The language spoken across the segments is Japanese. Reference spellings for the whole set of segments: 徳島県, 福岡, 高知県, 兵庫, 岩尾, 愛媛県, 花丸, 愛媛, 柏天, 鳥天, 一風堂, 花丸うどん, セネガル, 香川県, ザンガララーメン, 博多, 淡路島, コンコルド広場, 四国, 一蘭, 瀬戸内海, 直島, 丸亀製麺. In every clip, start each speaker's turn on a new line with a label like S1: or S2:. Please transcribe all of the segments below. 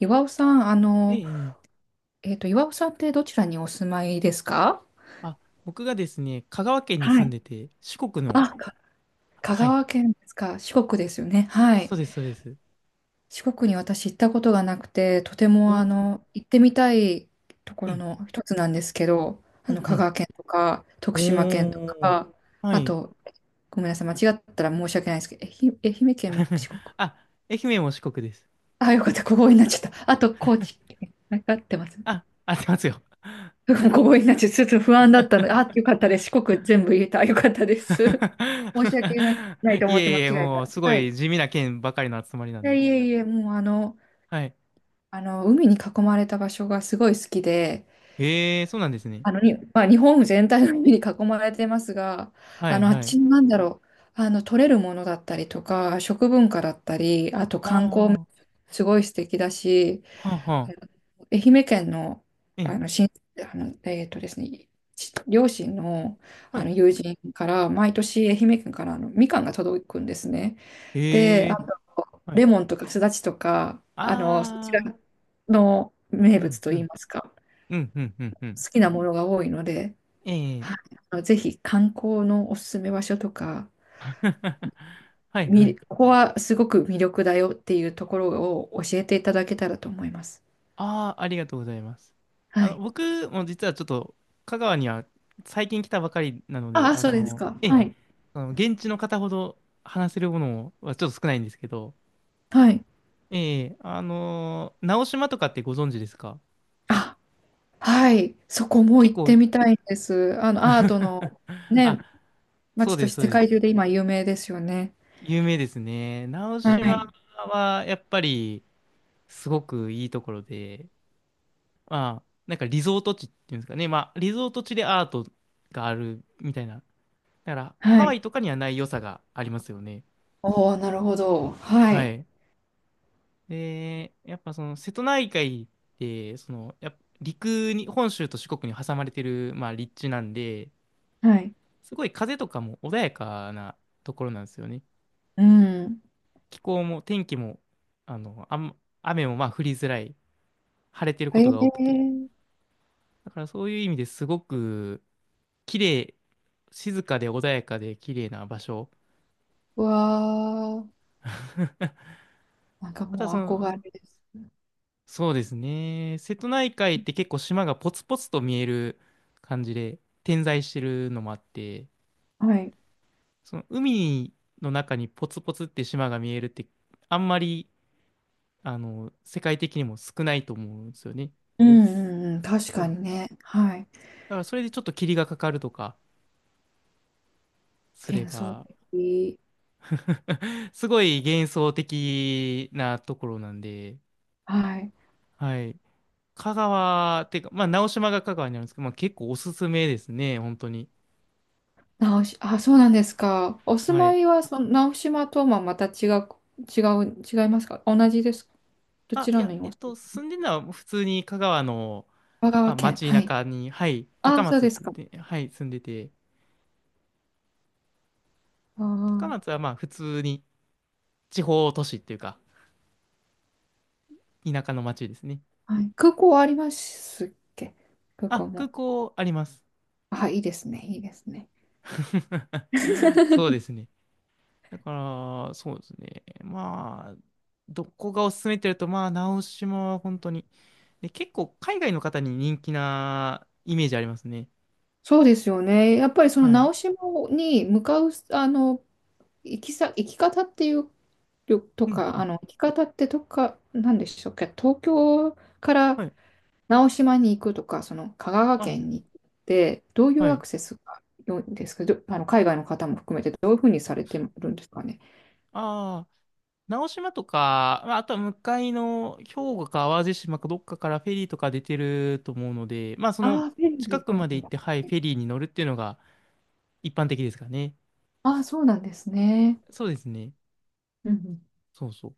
S1: 岩尾さん、
S2: ええ、ええ。
S1: 岩尾さんってどちらにお住まいですか？
S2: あ、僕がですね、香川県に
S1: は
S2: 住ん
S1: い。
S2: でて、四国の、
S1: あ、か香
S2: はい、
S1: 川県ですか？四国ですよね。は
S2: そ
S1: い。
S2: うです、そうです。
S1: 四国に私行ったことがなくて、とて
S2: お
S1: も
S2: ー。
S1: 行ってみたいとこ
S2: え
S1: ろ
S2: え、
S1: の一つなんですけど、あ
S2: う
S1: の、
S2: んう
S1: 香
S2: ん。
S1: 川県とか、徳島県と
S2: おー、
S1: か、
S2: は
S1: あ
S2: い。
S1: と、ごめんなさい、間違ったら申し訳ないですけど、愛媛県も 四国。
S2: あ、愛媛も四国です。
S1: あ、よかった、ここになっちゃった。あと、高知県。わかってます。
S2: あ、合ってますよ。
S1: ここになってちょっと不安だったので、あ、よかったです。四国全部言えた。よかったです。申し訳な、ない と
S2: い
S1: 思って
S2: え
S1: 間
S2: い
S1: 違
S2: え、
S1: えた
S2: もう、
S1: ら。
S2: すご
S1: は
S2: い
S1: い。
S2: 地味な県ばかりの集まりなんで。
S1: いえいえ、もうあの、
S2: はい。
S1: あの、海に囲まれた場所がすごい好きで、
S2: ええ、そうなんですね。
S1: まあ、日本全体の海に囲まれてますが、
S2: は
S1: あ
S2: い、
S1: の、あっ
S2: はい。
S1: ちの取れるものだったりとか、食文化だったり、あと
S2: あ
S1: 観光、
S2: あ、は
S1: すごい素敵だし、
S2: あ、は
S1: あ
S2: あ。
S1: の愛媛県の、
S2: ええ、
S1: あの、親あの、えーとですね、ち両親の、
S2: は
S1: あの
S2: い。
S1: 友人から毎年愛媛県からあのみかんが届くんですね。で、
S2: え
S1: あ
S2: え、
S1: と
S2: はい。
S1: レモンとかすだちとかあのそちら
S2: ああ、
S1: の名
S2: う
S1: 物
S2: ん、
S1: と
S2: う
S1: いい
S2: ん、
S1: ますか、
S2: うん、うん、うん、うん。
S1: 好きなものが多いので、
S2: ええ。
S1: はい、あのぜひ観光のおすすめ場所とか、
S2: はいはい。
S1: ここはすごく魅力だよっていうところを教えていただけたらと思います。
S2: ああ、ありがとうございます。
S1: はい、
S2: 僕も実はちょっと、香川には最近来たばかりなので、
S1: ああ、
S2: あ
S1: そうです
S2: の、
S1: か。
S2: ええ、
S1: はい。
S2: 現地の方ほど話せるものはちょっと少ないんですけど、
S1: はい。
S2: ええ、直島とかってご存知ですか？
S1: あ、はい。そこも
S2: 結
S1: 行っ
S2: 構、
S1: てみたいんです。あの、アート のね、
S2: あ、そ
S1: 街
S2: う
S1: と
S2: で
S1: し
S2: す、そう
S1: て世
S2: で
S1: 界
S2: す。
S1: 中で今有名ですよね。
S2: 有名ですね。直
S1: は
S2: 島
S1: い。
S2: はやっぱりすごくいいところで、まあ、なんかリゾート地っていうんですかね。まあ、リゾート地でアートがあるみたいな。だから、
S1: は
S2: ハワ
S1: い。
S2: イとかにはない良さがありますよね。
S1: おー、なるほど。は
S2: は
S1: い。
S2: い。で、やっぱその瀬戸内海って、その、やっぱ陸に、本州と四国に挟まれてる、まあ、立地なんで、
S1: はい。
S2: すごい風とかも穏やかなところなんですよね。
S1: うん。
S2: 気候も天気も、あの、あん、雨もまあ降りづらい、晴れてる
S1: え
S2: ことが多くて。
S1: ー、
S2: だからそういう意味ですごく、綺麗、静かで穏やかで綺麗な場所。
S1: わー。なんか
S2: また
S1: も
S2: そ
S1: う憧
S2: の、
S1: れです。
S2: そうですね。瀬戸内海って結構島がポツポツと見える感じで点在してるのもあって、
S1: はい。
S2: その海の中にポツポツって島が見えるってあんまり、世界的にも少ないと思うんですよね。
S1: うんうんうん。確
S2: そ
S1: か
S2: う。
S1: にね。はい。
S2: だからそれでちょっと霧がかかるとかすれ
S1: 幻想
S2: ば、
S1: 的。
S2: すごい幻想的なところなんで、
S1: はい。
S2: はい。香川、てか、まあ、直島が香川にあるんですけど、まあ、結構おすすめですね、本当に。
S1: あ、そうなんですか。お住
S2: は
S1: ま
S2: い。
S1: いは、その、直島とはまた違う、違う、違いますか？同じですか？ど
S2: あ、
S1: ち
S2: い
S1: らの
S2: や、
S1: にお住まい？
S2: 住んでるのは普通に香川の、
S1: 香
S2: ま
S1: 川
S2: あ、
S1: 県。
S2: 街
S1: はい。
S2: 中に、はい、
S1: あ
S2: 高
S1: あ、そう
S2: 松っ
S1: ですか。
S2: て、はい、住んでて、高
S1: あ
S2: 松はまあ、普通に地方都市っていうか、田舎の街ですね。
S1: あ、はい。空港はありますっけ？空港
S2: あ、空
S1: も。
S2: 港あります。
S1: あ、いいですね。いいですね。
S2: そうで すね。だから、そうですね。まあ、どこがおすすめって言うと、まあ、直島は本当に。で、結構海外の方に人気なイメージありますね。
S1: そうですよね。やっぱりその
S2: はい。
S1: 直島に向かう、あの、行き方っていう、と
S2: うん、う
S1: か、あ
S2: ん。
S1: の、行き方ってとか、なんでしょうか、東京か
S2: は
S1: ら
S2: い。
S1: 直島に行くとか、その香川
S2: あ、
S1: 県に行って、どうい
S2: は
S1: うア
S2: い。
S1: クセスが良いんですか、あの、海外の方も含めて、どういうふうにされてるんですかね。
S2: ああ、直島とか、まあ、あとは向かいの兵庫か淡路島かどっかからフェリーとか出てると思うので、まあ、その
S1: ああ、便
S2: 近
S1: 利
S2: く
S1: か
S2: まで行っ
S1: も。
S2: て、はい、フェリーに乗るっていうのが一般的ですかね。
S1: ああ、そうなんですね。
S2: そうですね。
S1: うんうん。
S2: そうそう。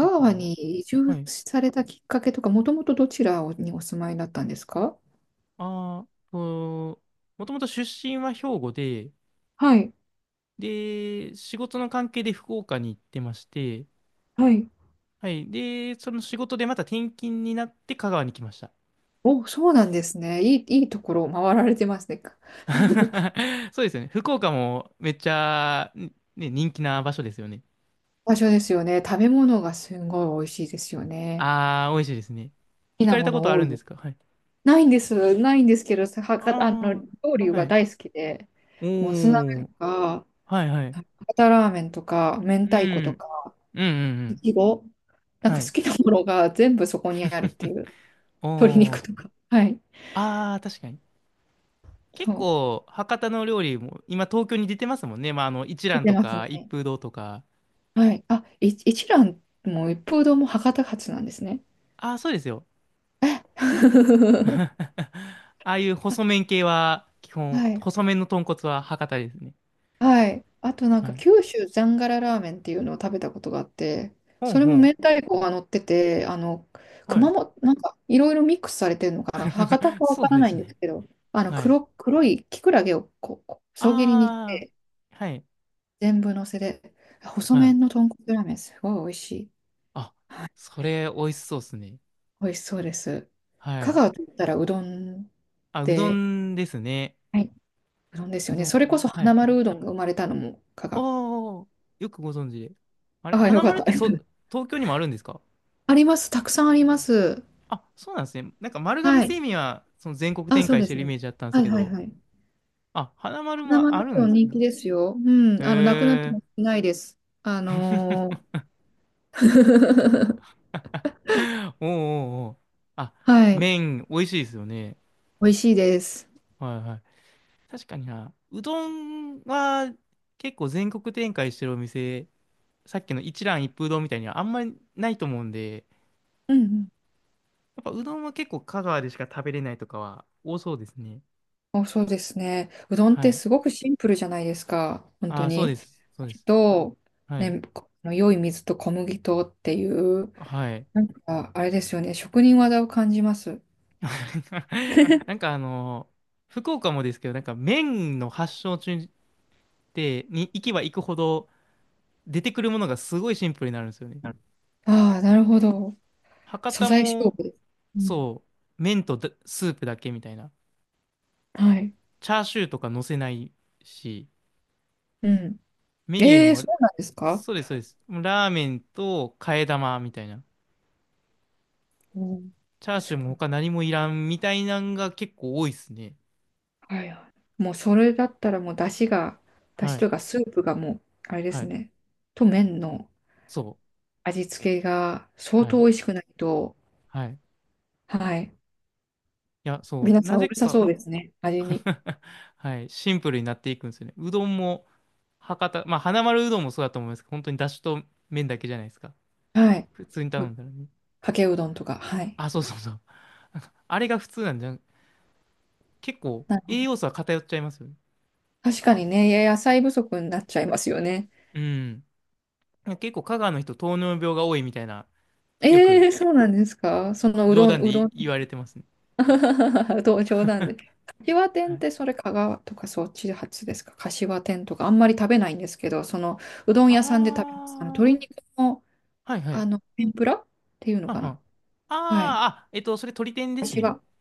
S2: だから、
S1: 川に移
S2: は
S1: 住
S2: い。
S1: されたきっかけとか、もともとどちらにお住まいだったんですか？
S2: ああ、もともと出身は兵庫で、
S1: はい、
S2: で、仕事の関係で福岡に行ってまして、
S1: はい。
S2: はい。で、その仕事でまた転勤になって香川に来ました。
S1: お、そうなんですね。いいところを回られてますね。
S2: そうですよね。福岡もめっちゃ、ね、人気な場所ですよね。
S1: 場所ですよね。食べ物がすごい美味しいですよね。
S2: ああ、美味しいですね。
S1: 好き
S2: 行か
S1: な
S2: れ
S1: も
S2: たこと
S1: の
S2: あ
S1: 多
S2: る
S1: い
S2: んで
S1: で
S2: す
S1: す。
S2: か？はい。
S1: ないんです。ないんですけど、はか、あの、
S2: あ
S1: 料理
S2: あ、は
S1: が
S2: い。
S1: 大好きで、
S2: お
S1: もつ鍋
S2: ー、
S1: とか、
S2: はいはい。
S1: 博多ラーメンとか、明
S2: う
S1: 太子と
S2: ん、
S1: か、
S2: うんうんう
S1: い
S2: ん。
S1: ちご、なん
S2: は
S1: か好
S2: い。
S1: きなものが全部そこにあるっていう。鶏
S2: お
S1: 肉
S2: ー、
S1: とか。はい。
S2: ああ、確かに。結
S1: そう。
S2: 構、博多の料理も、今東京に出てますもんね。まあ、あの、一
S1: 出
S2: 蘭
S1: て
S2: と
S1: ます
S2: か、一
S1: ね。
S2: 風堂とか。
S1: はい。一蘭も一風堂も博多発なんですね。
S2: ああ、そうですよ。
S1: え あ
S2: ああいう細麺系は、基本、
S1: はい。
S2: 細麺の豚骨は博多ですね。
S1: はい。あとなん
S2: は
S1: か
S2: い。
S1: 九州ザンガララーメンっていうのを食べたことがあって、
S2: ほ
S1: そ
S2: ん
S1: れ
S2: ほ
S1: も明
S2: ん。
S1: 太子が乗ってて、あの、
S2: はい。
S1: 熊本、なんかいろいろミックスされてるのかな。博多 かわ
S2: そ
S1: か
S2: う
S1: ら
S2: で
S1: ない
S2: す
S1: んです
S2: ね。
S1: けど、
S2: はい。
S1: 黒いキクラゲをこう、こう細切りにし
S2: ああ、
S1: て、
S2: はい。
S1: 全部乗せで、細
S2: はい。
S1: 麺の豚骨ラーメン、すごい美味しい。
S2: あ、それ、美味しそうですね。
S1: 美味しそうです。
S2: は
S1: 香
S2: い。
S1: 川といったらうどんっ
S2: あ、うど
S1: て、
S2: んですね。
S1: はい、うどんです
S2: う
S1: よね。
S2: ど
S1: それこ
S2: ん。
S1: そ
S2: は
S1: 花
S2: い。
S1: 丸うどんが生まれたのも香川。
S2: おー、よくご存知で。あれ、
S1: ああ、よ
S2: 花
S1: かっ
S2: 丸っ
S1: た。
S2: てそ、東京にもあるんですか？
S1: あります。たくさんあります。
S2: あ、そうなんですね。なんか丸亀
S1: はい。
S2: 製麺はその全国
S1: あ、
S2: 展
S1: そう
S2: 開し
S1: で
S2: て
S1: す
S2: るイ
S1: ね。
S2: メージだったんです
S1: はい
S2: け
S1: はい
S2: ど、
S1: はい。
S2: あ、花丸
S1: 花
S2: も
S1: 丸う
S2: あるん
S1: ど
S2: で
S1: ん
S2: す
S1: 人
S2: ね。
S1: 気ですよ。うん。あの、なくなって
S2: へ
S1: も
S2: え。
S1: ないです。あの
S2: おうおうおう。あ、
S1: ーはい。
S2: 麺美味しいですよね。
S1: 美味しいです。
S2: はいはい。確かにな。うどんは結構全国展開してるお店、さっきの一蘭一風堂みたいにはあんまりないと思うんで、
S1: うんう
S2: やっぱうどんは結構香川でしか食べれないとかは多そうですね。
S1: ん。お、そうですね。うどんっ
S2: は
S1: て
S2: い。
S1: すごくシンプルじゃないですか。本当
S2: あ、そう
S1: に。
S2: です。そうです。
S1: と、
S2: はい。
S1: ね、この良い水と小麦とっていう、
S2: はい。
S1: なんか、あれですよね。職人技を感じます。
S2: な んかあの、福岡もですけど、なんか麺の発祥地って、に行けば行くほど出てくるものがすごいシンプルになるんですよね。
S1: ああ、なるほど。
S2: 博
S1: 素
S2: 多
S1: 材勝
S2: も、
S1: 負です。うん。
S2: そう、麺とだスープだけみたいな。
S1: はい。
S2: チャーシューとか乗せないし、
S1: うん。
S2: メニュー
S1: ええ、
S2: も、
S1: そうなんですか？
S2: そうです、そうです。ラーメンと替え玉みたいな。
S1: うん。
S2: チャーシ
S1: す
S2: ューも
S1: ごい。
S2: 他何もいらんみたいなんが結構多いですね。
S1: はいはい。もうそれだったらもう出汁が、出
S2: は
S1: 汁と
S2: い、
S1: いうかスープがもう、あれで
S2: は
S1: す
S2: い、
S1: ね。と麺の
S2: そ
S1: 味付けが
S2: う、
S1: 相
S2: は
S1: 当
S2: い、
S1: 美味しくないと、
S2: はい。い
S1: はい。
S2: や、そう、
S1: 皆さ
S2: な
S1: ん
S2: ぜ
S1: うるさそ
S2: か、
S1: うですね。味に。
S2: はい。シンプルになっていくんですよね。うどんも、博多、まあ、花丸うどんもそうだと思いますけど、本当にだしと麺だけじゃないですか。
S1: はい。
S2: 普通に頼
S1: う、
S2: んだらね。
S1: かけうどんとか。はい。
S2: あ、そうそうそう。なんかあれが普通なんじゃん。結構、
S1: な、
S2: 栄養素は偏っちゃいますよね。
S1: 確かにね、野菜不足になっちゃいますよね。
S2: うん。結構、香川の人、糖尿病が多いみたいな、よ
S1: え
S2: く
S1: え、そうなんですか？そのう
S2: 冗
S1: どん、
S2: 談で
S1: うどん、
S2: 言われてますね。
S1: うどん冗談で。柏
S2: は
S1: 天っ
S2: い。
S1: てそれ香川とかそっち発ですか？柏天とかあんまり食べないんですけど、そのうどん
S2: あ
S1: 屋さんで食べます。あの
S2: ー、
S1: 鶏肉の、
S2: はいは
S1: あ
S2: い。
S1: の天ぷらっていうの
S2: はん
S1: か
S2: は
S1: な？
S2: ん。
S1: はい。
S2: あー、それ鳥天です
S1: 柏、ん
S2: ね。
S1: す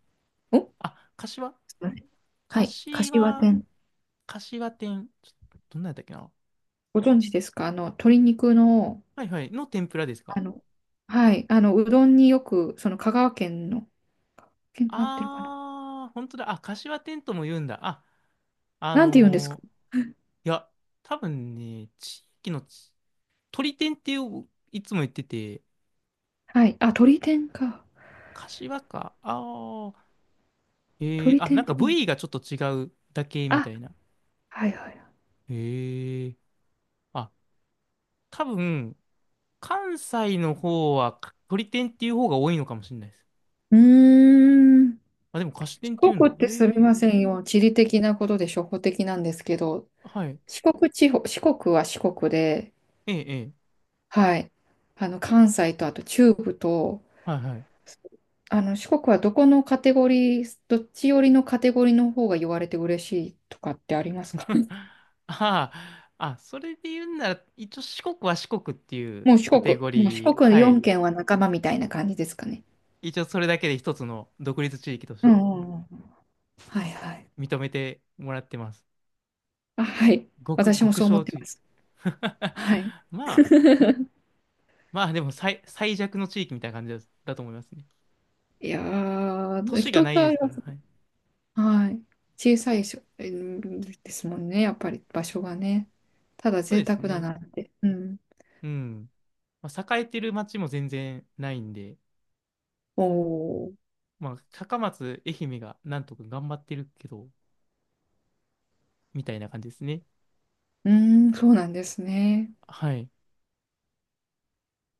S2: あ、
S1: いません。はい。柏
S2: 柏、
S1: 天。
S2: 柏店。どんなんやったっけな。
S1: ご存知ですか？あの鶏肉の、
S2: はいはい。の天ぷらです
S1: あ
S2: か？
S1: の、はい。あのうどんによく、その香川県の、県が合ってるかな？
S2: あー、本当だ。あ、柏天とも言うんだ。あ
S1: なんて言うんですか？
S2: のいや、多分ね、地域のち、鳥天っていういつも言ってて、
S1: はい。あ、鶏天か。
S2: 柏か。あー、えー、
S1: 鶏
S2: あ、
S1: 天
S2: なん
S1: っ
S2: か
S1: て言う
S2: 部
S1: の。
S2: 位がちょっと違うだけみた
S1: あ、
S2: いな。
S1: はいはい。
S2: へえー、あ、多分、関西の方はか鳥天っていう方が多いのかもしれないです。
S1: うーん。
S2: あ、でも菓子天って言
S1: 四
S2: うん
S1: 国
S2: だ。
S1: っ
S2: へえ
S1: てすみ
S2: ー、
S1: ませんよ。地理的なことで初歩的なんですけど、
S2: はい。
S1: 四国地方、四国は四国で、
S2: ええ、ええ、
S1: はい。あの、関西とあと中部と、
S2: はいはい。
S1: あの、四国はどこのカテゴリー、どっち寄りのカテゴリーの方が言われて嬉しいとかってありますか？
S2: ああ、あ、それで言うんなら、一応四国は四国ってい う
S1: もう四
S2: カ
S1: 国、
S2: テゴ
S1: もう四
S2: リー、
S1: 国
S2: はい。
S1: 4県は仲間みたいな感じですかね。
S2: 一応それだけで一つの独立地域とし
S1: うん
S2: て
S1: うんうん。はいはい。
S2: 認めてもらってます。
S1: あ、はい。私も
S2: 極
S1: そう思っ
S2: 小
S1: て
S2: 地。
S1: ます。はい。
S2: まあ、まあでも最弱の地域みたいな感じだと思いますね。
S1: いや
S2: 都
S1: ー、
S2: 市が
S1: 人
S2: ない
S1: が、
S2: ですから、はい。
S1: はい。小さいしょ、えーですもんね。やっぱり場所がね。ただ
S2: そう
S1: 贅
S2: で
S1: 沢
S2: す
S1: だ
S2: ね。
S1: なって。うん。
S2: うん。まあ、栄えてる町も全然ないんで、
S1: おー。
S2: まあ、高松、愛媛がなんとか頑張ってるけど、みたいな感じですね。
S1: うーん、そうなんですね。
S2: はい。